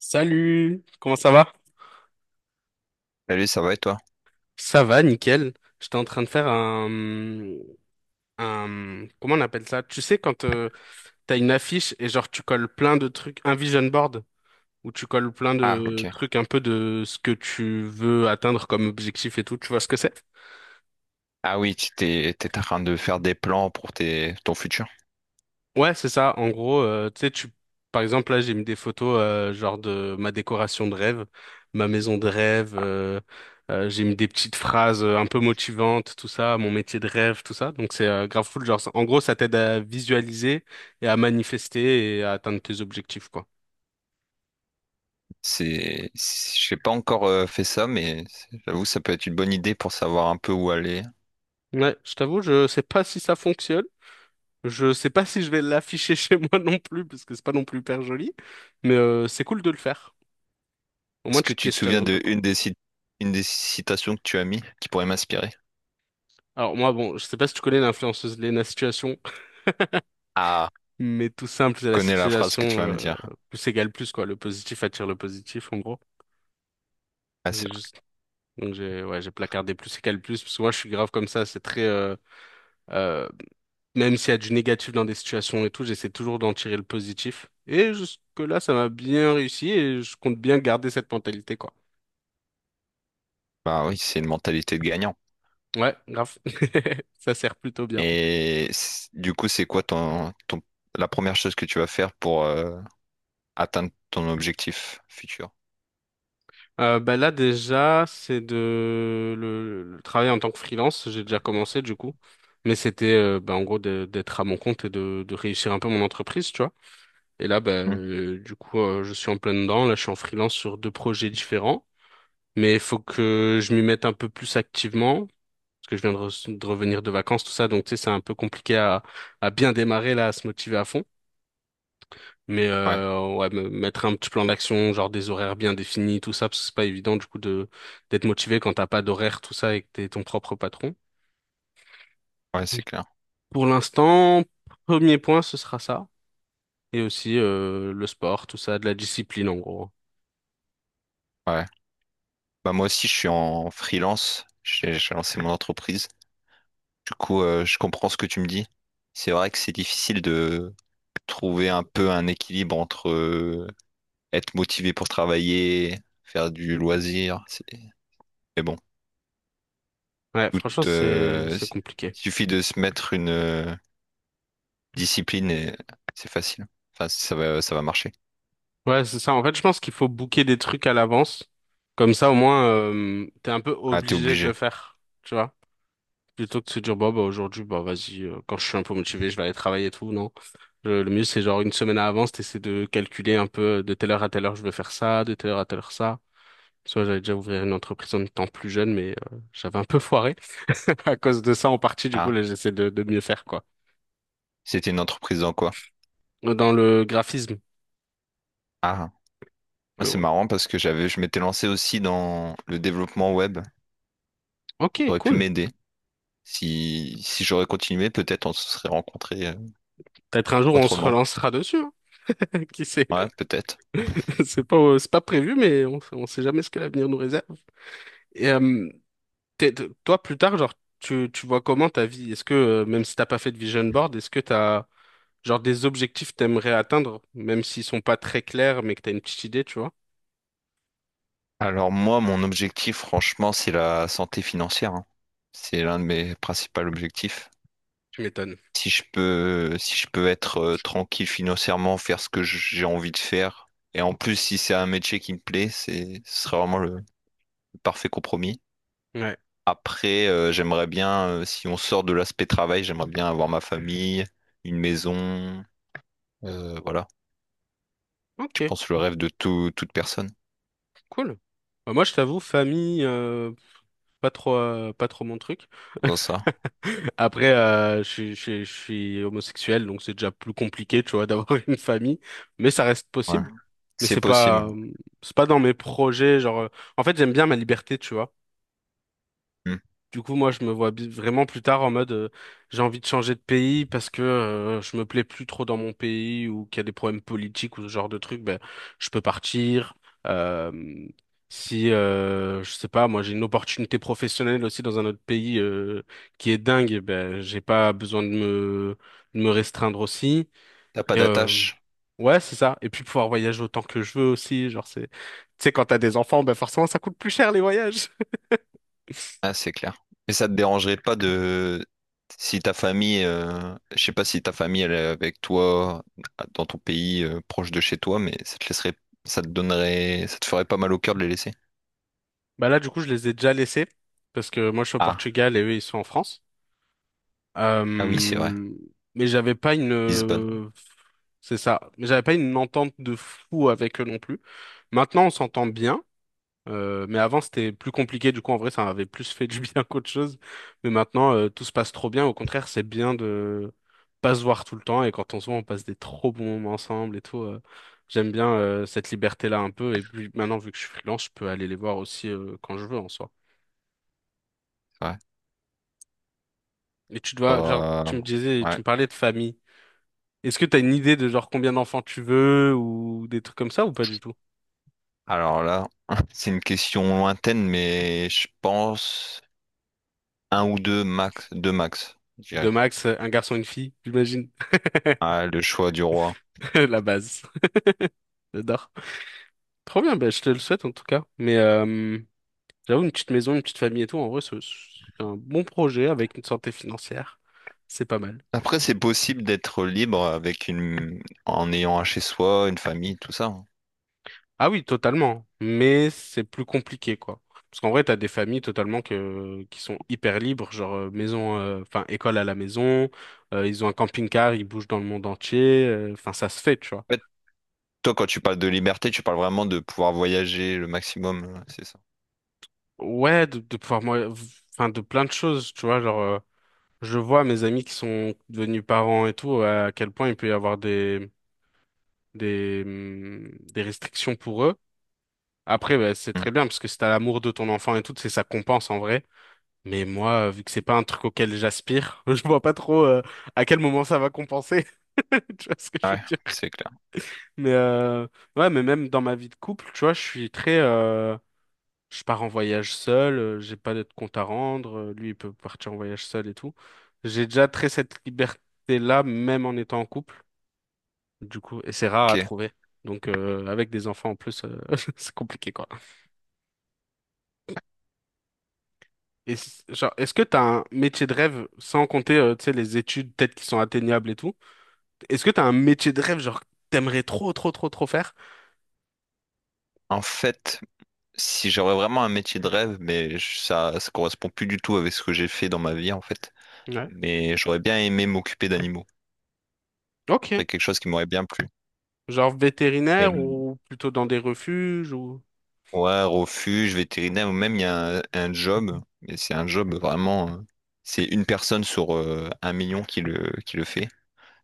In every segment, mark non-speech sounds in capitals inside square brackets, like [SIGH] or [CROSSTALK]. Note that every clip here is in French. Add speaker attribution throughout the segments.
Speaker 1: Salut, comment ça va?
Speaker 2: Salut, ça va et toi?
Speaker 1: Ça va, nickel. J'étais en train de faire un, comment on appelle ça? Tu sais, quand t'as une affiche et genre tu colles plein de trucs, un vision board, où tu colles plein
Speaker 2: Ah,
Speaker 1: de
Speaker 2: ok.
Speaker 1: trucs un peu de ce que tu veux atteindre comme objectif et tout, tu vois ce que c'est?
Speaker 2: Ah oui, tu t'es, t'es en train de faire des plans pour tes, ton futur.
Speaker 1: Ouais, c'est ça. En gros, tu sais, tu, par exemple, là, j'ai mis des photos genre de ma décoration de rêve, ma maison de rêve. J'ai mis des petites phrases un peu motivantes, tout ça, mon métier de rêve, tout ça. Donc c'est grave cool. Genre, en gros, ça t'aide à visualiser et à manifester et à atteindre tes objectifs, quoi.
Speaker 2: C'est, je n'ai pas encore fait ça, mais j'avoue, ça peut être une bonne idée pour savoir un peu où aller.
Speaker 1: Ouais, je t'avoue, je sais pas si ça fonctionne. Je sais pas si je vais l'afficher [LAUGHS] chez moi non plus, parce que c'est pas non plus hyper joli. Mais c'est cool de le faire. Au moins,
Speaker 2: Est-ce que
Speaker 1: tu te
Speaker 2: tu te
Speaker 1: questionnes
Speaker 2: souviens
Speaker 1: un peu,
Speaker 2: de
Speaker 1: quoi.
Speaker 2: une des, une des citations que tu as mis qui pourrait m'inspirer?
Speaker 1: Alors moi, bon, je sais pas si tu connais l'influenceuse Lena Situation,
Speaker 2: Ah,
Speaker 1: mais tout simple,
Speaker 2: je
Speaker 1: c'est la
Speaker 2: connais la phrase
Speaker 1: situation
Speaker 2: que tu vas me
Speaker 1: euh,
Speaker 2: dire.
Speaker 1: plus égale plus, quoi. Le positif attire le positif, en gros.
Speaker 2: Ah,
Speaker 1: J'ai
Speaker 2: c'est vrai.
Speaker 1: juste, donc j'ai, ouais, j'ai placardé plus égale plus, parce que moi, je suis grave comme ça. C'est très, euh, même s'il y a du négatif dans des situations et tout, j'essaie toujours d'en tirer le positif. Et jusque-là, ça m'a bien réussi et je compte bien garder cette mentalité, quoi.
Speaker 2: Bah oui, c'est une mentalité de gagnant.
Speaker 1: Ouais, grave. [LAUGHS] Ça sert plutôt bien.
Speaker 2: Et du coup, c'est quoi ton, ton, la première chose que tu vas faire pour atteindre ton objectif futur?
Speaker 1: Bah là déjà, c'est de le travail en tant que freelance. J'ai déjà commencé du coup, mais c'était en gros d'être à mon compte et de réussir un peu mon entreprise, tu vois. Et là,
Speaker 2: Hmm.
Speaker 1: je suis en plein dedans. Là, je suis en freelance sur deux projets différents, mais il faut que je m'y mette un peu plus activement parce que je viens de revenir de vacances, tout ça. Donc tu sais, c'est un peu compliqué à bien démarrer là, à se motiver à fond. Mais
Speaker 2: Ouais.
Speaker 1: ouais, me mettre un petit plan d'action, genre des horaires bien définis, tout ça, parce que c'est pas évident du coup de d'être motivé quand t'as pas d'horaire, tout ça, et que t'es ton propre patron.
Speaker 2: Ouais, c'est clair.
Speaker 1: Pour l'instant, premier point, ce sera ça. Et aussi le sport, tout ça, de la discipline en gros.
Speaker 2: Ouais. Bah moi aussi, je suis en freelance. J'ai lancé mon entreprise. Du coup, je comprends ce que tu me dis. C'est vrai que c'est difficile de trouver un peu un équilibre entre être motivé pour travailler, faire du loisir. Mais bon,
Speaker 1: Ouais,
Speaker 2: tout,
Speaker 1: franchement, c'est compliqué.
Speaker 2: suffit de se mettre une discipline et c'est facile. Enfin, ça va marcher.
Speaker 1: Ouais, c'est ça. En fait, je pense qu'il faut booker des trucs à l'avance. Comme ça, au moins, t'es un peu
Speaker 2: Ah, t'es
Speaker 1: obligé de le
Speaker 2: obligé.
Speaker 1: faire. Tu vois. Plutôt que de se dire, bah aujourd'hui, bah vas-y, quand je suis un peu motivé, je vais aller travailler et tout, non. Le mieux, c'est genre une semaine à avance, t'essaies de calculer un peu de telle heure à telle heure, je veux faire ça, de telle heure à telle heure, ça. Soit j'avais déjà ouvert une entreprise en étant plus jeune, mais j'avais un peu foiré [LAUGHS] à cause de ça en partie, du coup,
Speaker 2: Ah,
Speaker 1: là, j'essaie de mieux faire, quoi.
Speaker 2: c'était une entreprise dans quoi?
Speaker 1: Dans le graphisme.
Speaker 2: Ah, moi,
Speaker 1: Mais
Speaker 2: c'est
Speaker 1: bon,
Speaker 2: marrant parce que j'avais, je m'étais lancé aussi dans le développement web.
Speaker 1: ok,
Speaker 2: Aurait pu
Speaker 1: cool.
Speaker 2: m'aider. Si, si j'aurais continué, peut-être on se serait rencontrés
Speaker 1: Peut-être un jour, on se
Speaker 2: autrement.
Speaker 1: relancera dessus, hein. [LAUGHS] Qui sait?
Speaker 2: Ouais, peut-être.
Speaker 1: [LAUGHS] C'est pas prévu, mais on sait jamais ce que l'avenir nous réserve. Et, euh, Toi, plus tard, genre, tu vois comment ta vie? Est-ce que, même si t'as pas fait de vision board, est-ce que t'as, genre, des objectifs que t'aimerais atteindre, même s'ils sont pas très clairs, mais que t'as une petite idée, tu vois?
Speaker 2: Alors moi, mon objectif, franchement, c'est la santé financière, hein. C'est l'un de mes principaux objectifs.
Speaker 1: Tu m'étonnes.
Speaker 2: Si je peux, si je peux être tranquille financièrement, faire ce que j'ai envie de faire, et en plus, si c'est un métier qui me plaît, c'est, ce serait vraiment le parfait compromis.
Speaker 1: Ouais.
Speaker 2: Après, j'aimerais bien, si on sort de l'aspect travail, j'aimerais bien avoir ma famille, une maison, voilà.
Speaker 1: Ok,
Speaker 2: Je pense le rêve de toute personne
Speaker 1: cool. Bah, moi, je t'avoue, famille, pas trop, pas trop mon truc.
Speaker 2: dans ça.
Speaker 1: Après, je suis homosexuel, donc c'est déjà plus compliqué, tu vois, [LAUGHS] d'avoir une famille, mais ça reste
Speaker 2: Ouais.
Speaker 1: possible. Mais
Speaker 2: C'est possible.
Speaker 1: c'est pas dans mes projets, genre, en fait, j'aime bien ma liberté, tu vois.
Speaker 2: Hmm.
Speaker 1: Du coup, moi, je me vois vraiment plus tard en mode, j'ai envie de changer de pays parce que je me plais plus trop dans mon pays ou qu'il y a des problèmes politiques ou ce genre de trucs, ben, je peux partir. Euh, si, je sais pas, moi, j'ai une opportunité professionnelle aussi dans un autre pays qui est dingue, ben, j'ai pas besoin de de me restreindre aussi.
Speaker 2: T'as pas
Speaker 1: Et, euh,
Speaker 2: d'attache.
Speaker 1: ouais, c'est ça. Et puis pouvoir voyager autant que je veux aussi. Genre, c'est, tu sais, quand t'as des enfants, ben, forcément, ça coûte plus cher les voyages.
Speaker 2: Ah, c'est clair. Mais ça te dérangerait pas de si ta
Speaker 1: [LAUGHS]
Speaker 2: famille, je sais pas si ta famille elle est avec toi ah, dans ton pays proche de chez toi, mais ça te laisserait, ça te donnerait, ça te ferait pas mal au cœur de les laisser.
Speaker 1: Bah là, du coup, je les ai déjà laissés parce que moi, je suis au
Speaker 2: Ah,
Speaker 1: Portugal et eux, ils sont en France. Euh,
Speaker 2: ah oui, c'est vrai.
Speaker 1: mais j'avais pas
Speaker 2: Lisbonne,
Speaker 1: une, c'est ça. Mais j'avais pas une entente de fou avec eux non plus. Maintenant, on s'entend bien. Mais avant, c'était plus compliqué. Du coup, en vrai, ça m'avait plus fait du bien [LAUGHS] qu'autre chose. Mais maintenant, tout se passe trop bien. Au contraire, c'est bien de pas se voir tout le temps. Et quand on se voit, on passe des trop bons moments ensemble et tout. J'aime bien cette liberté-là un peu. Et puis maintenant, vu que je suis freelance, je peux aller les voir aussi quand je veux en soi.
Speaker 2: c'est vrai.
Speaker 1: Et tu dois, genre,
Speaker 2: Euh,
Speaker 1: tu me disais, tu
Speaker 2: ouais.
Speaker 1: me parlais de famille. Est-ce que t'as une idée de genre combien d'enfants tu veux ou des trucs comme ça ou pas du tout?
Speaker 2: Alors là, [LAUGHS] c'est une question lointaine, mais je pense un ou deux max, deux max.
Speaker 1: De max, un garçon, une fille, j'imagine.
Speaker 2: Ah, le choix du roi.
Speaker 1: [LAUGHS] La base. [LAUGHS] J'adore. Trop bien, bah, je te le souhaite en tout cas. Mais j'avoue, une petite maison, une petite famille et tout, en vrai, c'est un bon projet avec une santé financière. C'est pas mal.
Speaker 2: Après, c'est possible d'être libre avec une... en ayant un chez soi, une famille, tout ça, hein.
Speaker 1: Ah oui, totalement. Mais c'est plus compliqué, quoi. Parce qu'en vrai, t'as des familles totalement qui sont hyper libres, genre maison, enfin école à la maison, ils ont un camping-car, ils bougent dans le monde entier, enfin ça se fait, tu vois.
Speaker 2: En fait, toi, quand tu parles de liberté, tu parles vraiment de pouvoir voyager le maximum, ouais, c'est ça.
Speaker 1: Ouais, de pouvoir, moi, enfin de plein de choses, tu vois, genre je vois mes amis qui sont devenus parents et tout, à quel point il peut y avoir des restrictions pour eux. Après, bah, c'est
Speaker 2: Hmm.
Speaker 1: très bien parce que si t'as l'amour de ton enfant et tout, c'est ça compense en vrai. Mais moi, vu que c'est pas un truc auquel j'aspire, [LAUGHS] je vois pas trop à quel moment ça va compenser. [LAUGHS] Tu vois ce que je veux
Speaker 2: Ouais,
Speaker 1: dire?
Speaker 2: c'est clair.
Speaker 1: Mais ouais, mais même dans ma vie de couple, tu vois, je suis très, je pars en voyage seul, j'ai pas de compte à rendre, lui il peut partir en voyage seul et tout. J'ai déjà très cette liberté-là, même en étant en couple, du coup, et c'est rare à
Speaker 2: Ok.
Speaker 1: trouver. Donc avec des enfants en plus, [LAUGHS] c'est compliqué quoi. Et genre, est-ce que t'as un métier de rêve sans compter, tu sais, les études peut-être qui sont atteignables et tout? Est-ce que t'as un métier de rêve, genre, que t'aimerais trop, trop, trop, trop faire?
Speaker 2: En fait, si j'aurais vraiment un métier de rêve, mais ça, ça correspond plus du tout avec ce que j'ai fait dans ma vie, en fait.
Speaker 1: Ouais.
Speaker 2: Mais j'aurais bien aimé m'occuper d'animaux.
Speaker 1: Ok.
Speaker 2: C'est quelque chose qui m'aurait bien plu.
Speaker 1: Genre vétérinaire ou plutôt dans des refuges ou...
Speaker 2: Ouais, refuge, vétérinaire, ou même il y a un job, mais c'est un job vraiment, c'est une personne sur un million qui le fait.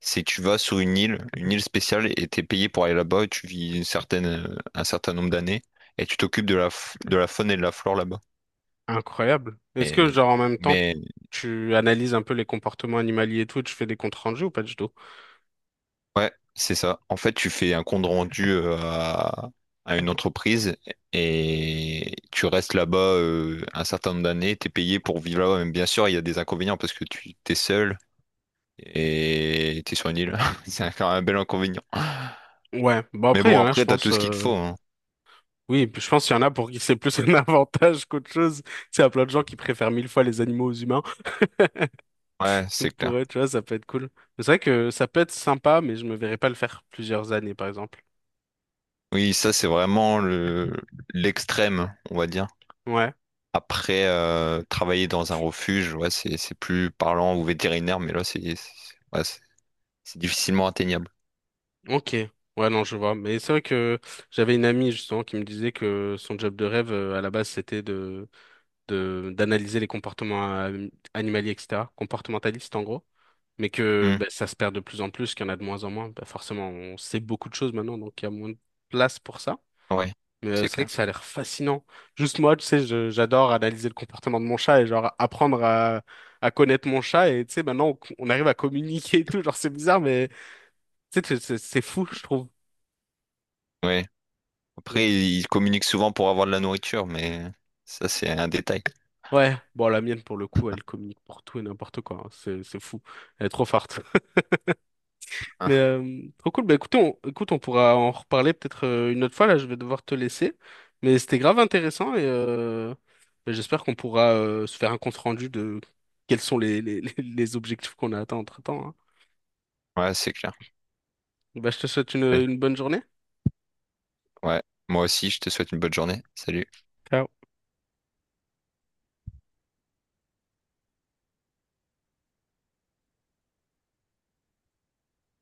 Speaker 2: C'est que tu vas sur une île spéciale, et t'es payé pour aller là-bas, et tu vis une certaine, un certain nombre d'années, et tu t'occupes de la, de la faune et de la flore là-bas.
Speaker 1: Incroyable. Est-ce que,
Speaker 2: Et,
Speaker 1: genre, en même temps,
Speaker 2: mais
Speaker 1: tu analyses un peu les comportements animaliers et tout, et tu fais des comptes rendus ou pas du tout?
Speaker 2: ouais, c'est ça. En fait, tu fais un compte rendu à une entreprise et tu restes là-bas un certain nombre d'années, t'es payé pour vivre là-bas. Mais bien sûr, il y a des inconvénients parce que tu t'es seul et tu es sur une île. [LAUGHS] C'est quand même un bel inconvénient.
Speaker 1: Ouais. Bon,
Speaker 2: Mais
Speaker 1: après, il y
Speaker 2: bon,
Speaker 1: en a, je
Speaker 2: après, t'as
Speaker 1: pense...
Speaker 2: tout ce qu'il te
Speaker 1: euh,
Speaker 2: faut, hein.
Speaker 1: Oui, puis je pense qu'il y en a pour qui c'est plus un [LAUGHS] avantage qu'autre chose. C'est à plein de gens qui préfèrent mille fois les animaux aux humains.
Speaker 2: Ouais, c'est
Speaker 1: Donc pour
Speaker 2: clair.
Speaker 1: eux, tu vois, ça peut être cool. Mais c'est vrai que ça peut être sympa, mais je me verrais pas le faire plusieurs années, par exemple.
Speaker 2: Oui, ça, c'est vraiment le l'extrême, on va dire.
Speaker 1: Ouais.
Speaker 2: Après, travailler dans un refuge, ouais, c'est plus parlant ou vétérinaire, mais là, c'est ouais, c'est difficilement atteignable.
Speaker 1: Ok, ouais, non, je vois. Mais c'est vrai que j'avais une amie justement qui me disait que son job de rêve à la base c'était de d'analyser les comportements animaliers, etc., comportementaliste en gros, mais que
Speaker 2: Hmm.
Speaker 1: bah, ça se perd de plus en plus, qu'il y en a de moins en moins. Bah, forcément, on sait beaucoup de choses maintenant, donc il y a moins de place pour ça.
Speaker 2: Ouais,
Speaker 1: Mais
Speaker 2: c'est
Speaker 1: c'est vrai
Speaker 2: clair.
Speaker 1: que ça a l'air fascinant. Juste moi, tu sais, j'adore analyser le comportement de mon chat et genre apprendre à connaître mon chat et tu sais, maintenant on arrive à communiquer et tout, genre c'est bizarre, mais tu sais, c'est fou, je trouve.
Speaker 2: Ouais. Après, ils communiquent souvent pour avoir de la nourriture, mais ça, c'est un détail.
Speaker 1: Ouais, bon, la mienne, pour le coup, elle communique pour tout et n'importe quoi. Hein. C'est fou. Elle est trop forte. [LAUGHS]
Speaker 2: Hein.
Speaker 1: Mais trop cool. Bah, écoutez, écoute, on pourra en reparler peut-être une autre fois. Là, je vais devoir te laisser. Mais c'était grave intéressant et bah, j'espère qu'on pourra se faire un compte-rendu de quels sont les objectifs qu'on a atteints entre-temps. Hein.
Speaker 2: Ouais, c'est clair.
Speaker 1: Bah, je te souhaite
Speaker 2: Ouais.
Speaker 1: une bonne journée.
Speaker 2: Ouais. Moi aussi, je te souhaite une bonne journée. Salut.
Speaker 1: Ciao.